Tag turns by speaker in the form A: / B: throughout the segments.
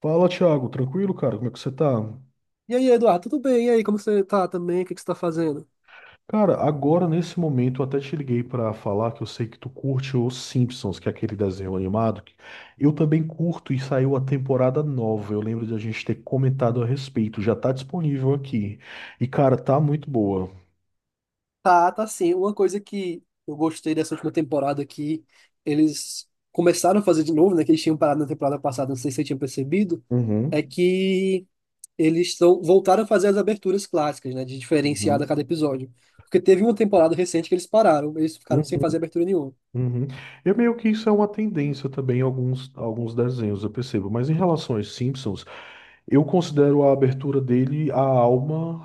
A: Fala, Thiago, tranquilo, cara? Como é que você tá?
B: E aí, Eduardo, tudo bem? E aí, como você tá também? O que que você tá fazendo?
A: Cara, agora nesse momento eu até te liguei pra falar que eu sei que tu curte os Simpsons, que é aquele desenho animado, que eu também curto e saiu a temporada nova. Eu lembro de a gente ter comentado a respeito. Já tá disponível aqui. E, cara, tá muito boa.
B: Tá sim. Uma coisa que eu gostei dessa última temporada que eles começaram a fazer de novo, né? Que eles tinham parado na temporada passada, não sei se você tinha percebido, é
A: Uhum.
B: que eles estão voltaram a fazer as aberturas clássicas, né? De diferenciar a cada
A: Uhum.
B: episódio. Porque teve uma temporada recente que eles pararam, eles ficaram sem
A: Uhum.
B: fazer abertura nenhuma.
A: Uhum. Eu meio que isso é uma tendência também em alguns desenhos, eu percebo. Mas em relação aos Simpsons, eu considero a abertura dele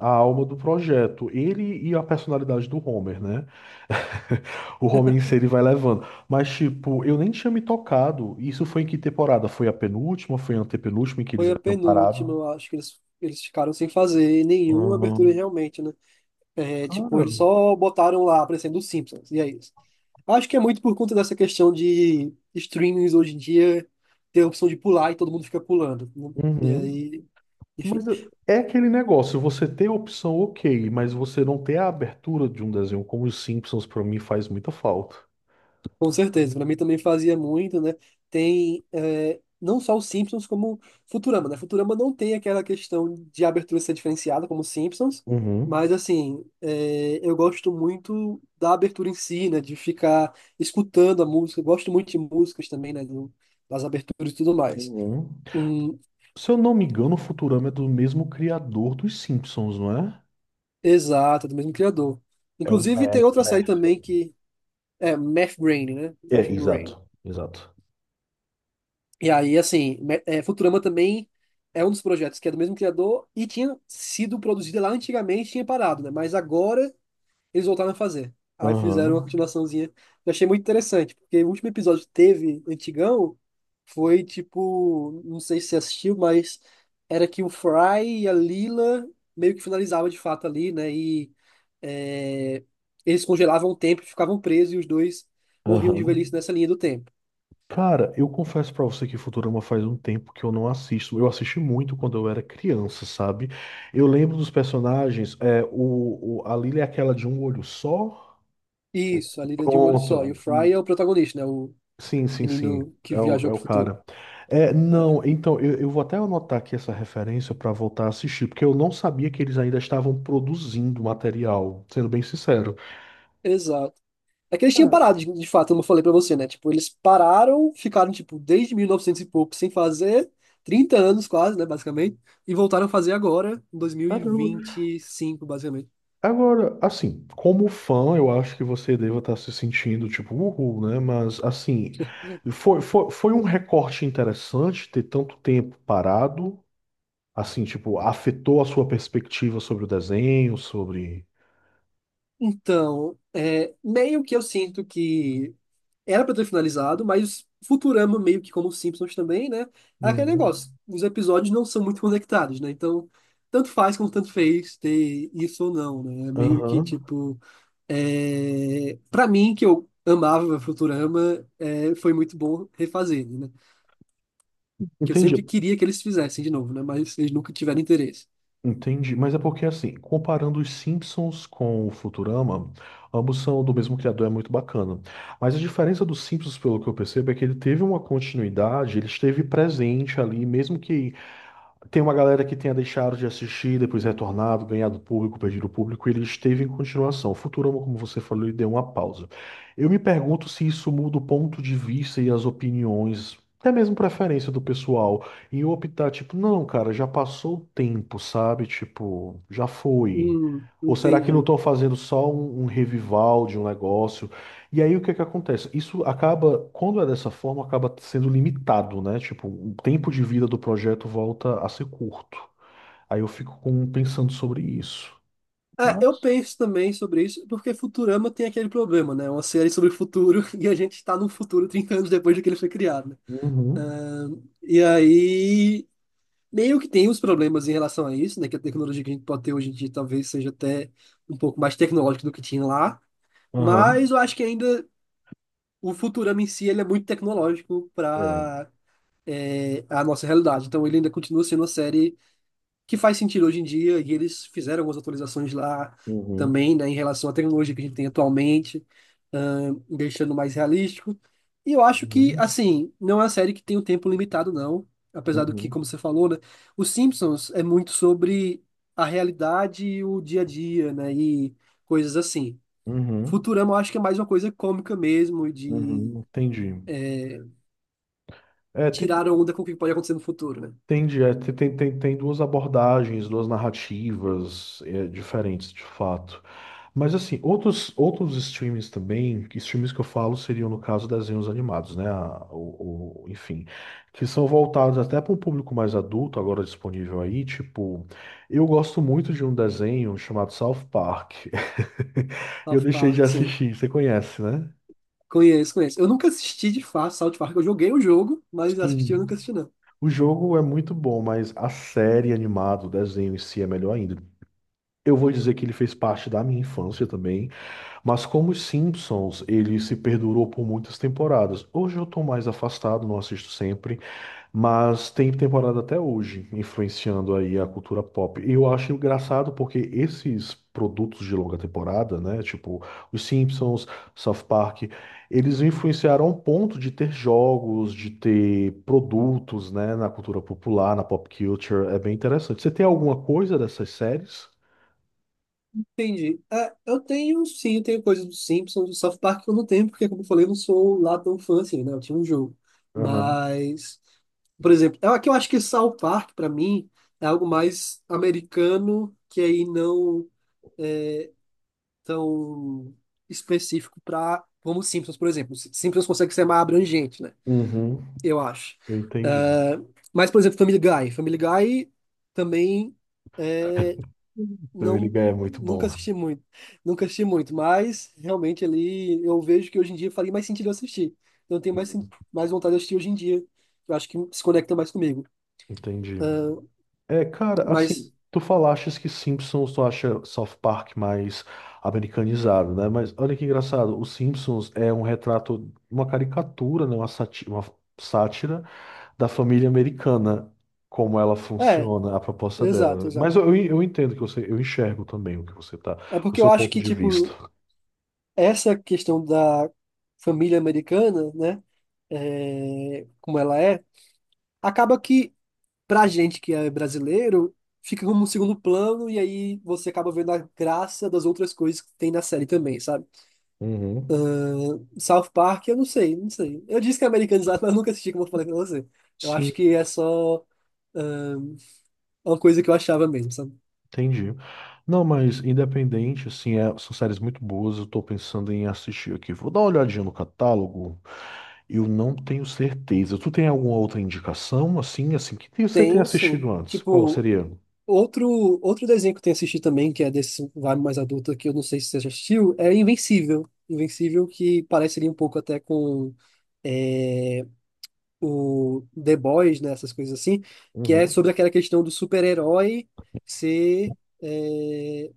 A: a alma do projeto. Ele e a personalidade do Homer, né? O Homer em si ele vai levando. Mas, tipo, eu nem tinha me tocado. Isso foi em que temporada? Foi a penúltima? Foi a antepenúltima em que eles
B: Foi a
A: haviam
B: penúltima,
A: parado?
B: eu acho que eles ficaram sem fazer nenhuma
A: Hum.
B: abertura realmente, né? É, tipo, eles
A: Cara.
B: só botaram lá aparecendo os Simpsons, e é isso. Acho que é muito por conta dessa questão de streamings hoje em dia ter a opção de pular e todo mundo fica pulando, né? E
A: Uhum.
B: aí, enfim.
A: Mas é aquele negócio, você ter a opção, ok, mas você não ter a abertura de um desenho como os Simpsons, pra mim, faz muita falta.
B: Com certeza, pra mim também fazia muito, né? Tem é, não só os Simpsons, como Futurama, né? Futurama não tem aquela questão de abertura ser diferenciada como os Simpsons, mas
A: Uhum.
B: assim, é, eu gosto muito da abertura em si, né? De ficar escutando a música, eu gosto muito de músicas também, né? Das aberturas e tudo mais.
A: Uhum.
B: Hum,
A: Se eu não me engano, o Futurama é do mesmo criador dos Simpsons, não é?
B: exato, do mesmo criador.
A: É o
B: Inclusive, tem
A: Matt
B: outra série
A: Bethel.
B: também que é Math Brain, né?
A: É,
B: Math Brain.
A: exato, exato.
B: E aí, assim, Futurama também é um dos projetos que é do mesmo criador e tinha sido produzida lá antigamente, tinha parado, né? Mas agora eles voltaram a fazer. Aí fizeram uma
A: Aham.
B: continuaçãozinha. Eu achei muito interessante, porque o último episódio que teve, antigão, foi tipo, não sei se você assistiu, mas era que o Fry e a Lila meio que finalizavam de fato ali, né? E é, eles congelavam o tempo, e ficavam presos e os dois morriam de
A: Aham.
B: velhice nessa linha do tempo.
A: Cara, eu confesso pra você que Futurama faz um tempo que eu não assisto. Eu assisti muito quando eu era criança, sabe? Eu lembro dos personagens. É, a Lily é aquela de um olho só.
B: Isso, a Líder de um Olho Só. E o
A: Pronto.
B: Fry é o protagonista, né? O
A: Sim, sim, sim.
B: menino que
A: É o,
B: viajou
A: é o
B: pro futuro.
A: cara. É,
B: É,
A: não, então, eu vou até anotar aqui essa referência para voltar a assistir, porque eu não sabia que eles ainda estavam produzindo material, sendo bem sincero.
B: exato. É que eles tinham
A: Ah,
B: parado, de fato, como eu falei pra você, né? Tipo, eles pararam, ficaram, tipo, desde 1900 e novecentos e pouco sem fazer, 30 anos quase, né, basicamente, e voltaram a fazer agora, em dois mil e vinte
A: caramba.
B: e cinco basicamente.
A: Agora, assim, como fã, eu acho que você deva estar se sentindo tipo, uhul, né? Mas, assim, foi um recorte interessante ter tanto tempo parado, assim, tipo, afetou a sua perspectiva sobre o desenho, sobre.
B: Então, é, meio que eu sinto que era pra ter finalizado, mas Futurama, meio que como os Simpsons também, né? É aquele negócio.
A: Uhum.
B: Os episódios não são muito conectados, né? Então, tanto faz como tanto fez ter isso ou não, né? É meio que,
A: Aham.
B: tipo... É... Pra mim, que eu amava Futurama, é, foi muito bom refazer, né? Que eu
A: Entendi.
B: sempre queria que eles fizessem de novo, né? Mas eles nunca tiveram interesse.
A: Entendi, mas é porque assim, comparando os Simpsons com o Futurama, ambos são do mesmo criador, é muito bacana. Mas a diferença dos Simpsons, pelo que eu percebo, é que ele teve uma continuidade, ele esteve presente ali, mesmo que tem uma galera que tenha deixado de assistir, depois retornado, ganhado público, perdido público, e ele esteve em continuação. O Futurama, como você falou, ele deu uma pausa. Eu me pergunto se isso muda o ponto de vista e as opiniões, até mesmo preferência do pessoal, em optar, tipo, não, cara, já passou o tempo, sabe? Tipo, já foi. Ou será que não
B: Entendi.
A: estão fazendo só um revival de um negócio? E aí o que é que acontece? Isso acaba, quando é dessa forma, acaba sendo limitado, né? Tipo, o tempo de vida do projeto volta a ser curto. Aí eu fico pensando sobre isso.
B: É, eu
A: Mas.
B: penso também sobre isso, porque Futurama tem aquele problema, né? É uma série sobre o futuro e a gente está no futuro 30 anos depois de que ele foi criado, né?
A: Uhum.
B: E aí, meio que tem uns problemas em relação a isso, né? Que a tecnologia que a gente pode ter hoje em dia talvez seja até um pouco mais tecnológica do que tinha lá, mas
A: Aham.
B: eu acho que ainda o Futurama em si ele é muito tecnológico
A: É.
B: para a nossa realidade, então ele ainda continua sendo uma série que faz sentido hoje em dia, e eles fizeram algumas atualizações lá
A: Uhum.
B: também, né, em relação à tecnologia que a gente tem atualmente, deixando mais realístico. E eu acho que,
A: Uhum.
B: assim, não é uma série que tem um tempo limitado, não. Apesar do que,
A: Uhum.
B: como você falou, né, os Simpsons é muito sobre a realidade e o dia a dia, né, e coisas assim.
A: Uhum.
B: Futurama eu acho que é mais uma coisa cômica mesmo, de
A: Uhum. Entendi. É. tem,
B: tirar
A: tem,
B: onda com o que pode acontecer no futuro, né?
A: entendi, É, tem duas abordagens, duas narrativas, é, diferentes, de fato. Mas assim, outros streams também, que streams que eu falo seriam no caso desenhos animados, né? Enfim, que são voltados até para um público mais adulto, agora disponível aí. Tipo, eu gosto muito de um desenho chamado South Park. Eu
B: South
A: deixei de
B: Park, sim.
A: assistir, você conhece, né?
B: Conheço, conheço. Eu nunca assisti de fato South Park. Eu joguei o jogo, mas assisti eu
A: Sim.
B: nunca assisti, não.
A: O jogo é muito bom, mas a série animada, o desenho em si é melhor ainda. Eu vou dizer que ele fez parte da minha infância também. Mas como os Simpsons, ele se perdurou por muitas temporadas. Hoje eu tô mais afastado, não assisto sempre, mas tem temporada até hoje, influenciando aí a cultura pop. E eu acho engraçado porque esses produtos de longa temporada, né, tipo os Simpsons, South Park, eles influenciaram ao ponto de ter jogos, de ter produtos, né, na cultura popular, na pop culture. É bem interessante. Você tem alguma coisa dessas séries?
B: Entendi. É, eu tenho, sim, eu tenho coisas do Simpsons, do South Park que eu não tenho, porque, como eu falei, eu não sou lá tão fã assim, né? Eu tinha um jogo.
A: Aham.
B: Mas, por exemplo, é que eu acho que South Park, pra mim, é algo mais americano, que aí não tão específico pra, como Simpsons, por exemplo. Simpsons consegue ser mais abrangente, né?
A: Uhum.
B: Eu acho.
A: Eu entendi.
B: É, mas, por exemplo, Family Guy. Family Guy também. É
A: Family
B: não,
A: é muito
B: nunca
A: bom.
B: assisti muito. Nunca assisti muito, mas realmente ali eu vejo que hoje em dia faria mais sentido eu assistir. Eu tenho mais,
A: Uhum.
B: mais vontade de assistir hoje em dia. Eu acho que se conecta mais comigo.
A: Entendi. É, cara, assim,
B: Mas,
A: tu falaste que Simpsons tu acha South Park mais americanizado, né? Mas olha que engraçado, o Simpsons é um retrato, uma caricatura, né? Uma sátira da família americana, como ela
B: é,
A: funciona, a proposta
B: exato,
A: dela. Mas
B: exato.
A: eu entendo eu enxergo também o que você tá,
B: É
A: o
B: porque eu
A: seu
B: acho
A: ponto
B: que,
A: de vista.
B: tipo, essa questão da família americana, né, como ela é, acaba que, pra gente que é brasileiro, fica como um segundo plano e aí você acaba vendo a graça das outras coisas que tem na série também, sabe?
A: Uhum.
B: South Park, eu não sei, não sei. Eu disse que é americanizado, mas eu nunca assisti, como eu falei pra você. Eu
A: Sim.
B: acho que é só ahn, uma coisa que eu achava mesmo, sabe?
A: Entendi. Não, mas independente, assim, são séries muito boas. Eu tô pensando em assistir aqui. Vou dar uma olhadinha no catálogo. Eu não tenho certeza. Tu tem alguma outra indicação, assim, que você tenha
B: Tenho, sim.
A: assistido antes? Qual
B: Tipo,
A: seria?
B: outro desenho que eu tenho assistido também, que é desse vibe mais adulto, que eu não sei se você já assistiu, é Invencível. Invencível, que parece ali um pouco até com eh, o The Boys, né, essas coisas assim, que é sobre
A: Uhum.
B: aquela questão do super-herói ser é,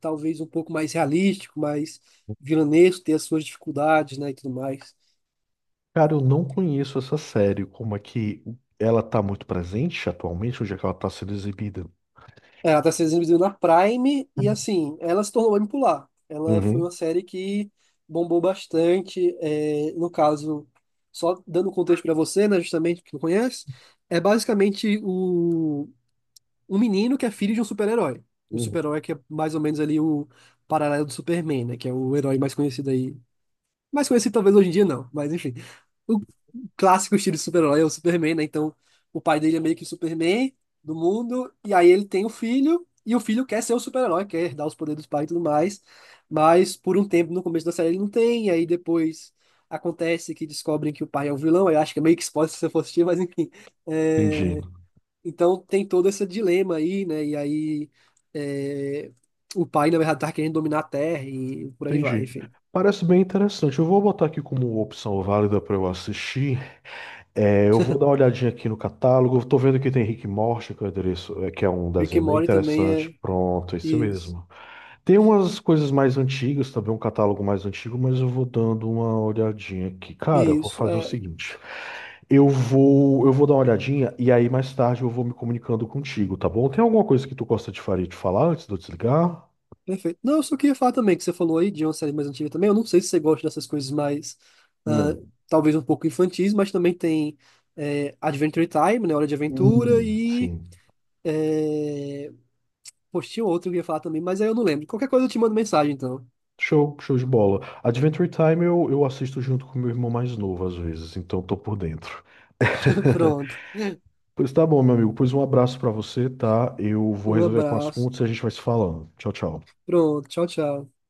B: talvez um pouco mais realístico, mais vilanesco, ter as suas dificuldades, né, e tudo mais.
A: Cara, eu não conheço essa série. Como é que ela tá muito presente atualmente? Onde é que ela tá sendo exibida?
B: É, ela tá sendo exibida na Prime e, assim, ela se tornou bem popular. Ela foi
A: Uhum.
B: uma série que bombou bastante, é, no caso, só dando contexto para você, né, justamente, que não conhece, é basicamente o um menino que é filho de um super-herói. O
A: Uhum.
B: super-herói que é mais ou menos ali o paralelo do Superman, né? Que é o herói mais conhecido aí. Mais conhecido talvez hoje em dia não, mas enfim. O clássico estilo de super-herói é o Superman, né? Então o pai dele é meio que o Superman do mundo, e aí ele tem o filho, e o filho quer ser o super-herói, quer herdar os poderes dos pais e tudo mais, mas por um tempo no começo da série ele não tem, e aí depois acontece que descobrem que o pai é um vilão, eu acho que é meio que spoiler se você for assistir, mas enfim.
A: Entendi.
B: É, então tem todo esse dilema aí, né? E aí é, o pai, na verdade, tá querendo dominar a Terra e por aí vai,
A: Entendi.
B: enfim.
A: Parece bem interessante. Eu vou botar aqui como opção válida para eu assistir. É, eu vou dar uma olhadinha aqui no catálogo. Estou vendo que tem Rick e Morty, que é o endereço- é, que é um
B: Rick and
A: desenho bem
B: Morty também
A: interessante.
B: é
A: Pronto, é esse
B: isso.
A: mesmo. Tem umas coisas mais antigas, também um catálogo mais antigo, mas eu vou dando uma olhadinha aqui. Cara, eu vou
B: Isso,
A: fazer o
B: é
A: seguinte. Eu vou dar uma olhadinha e aí mais tarde eu vou me comunicando contigo, tá bom? Tem alguma coisa que tu gosta de faria de falar antes de eu desligar?
B: perfeito. Não, eu só queria falar também que você falou aí de uma série mais antiga também. Eu não sei se você gosta dessas coisas mais, ah,
A: Hum.
B: talvez um pouco infantis, mas também tem é, Adventure Time, né? Hora de Aventura e.
A: Sim.
B: É... Poxa, tinha outro que eu ia falar também, mas aí eu não lembro. Qualquer coisa eu te mando mensagem, então.
A: Show, show de bola. Adventure Time eu assisto junto com meu irmão mais novo às vezes, então tô por dentro.
B: Pronto.
A: Pois tá bom, meu amigo. Pois um abraço pra você, tá? Eu vou
B: Um
A: resolver com as
B: abraço.
A: contas e a gente vai se falando. Tchau, tchau.
B: Pronto. Tchau, tchau.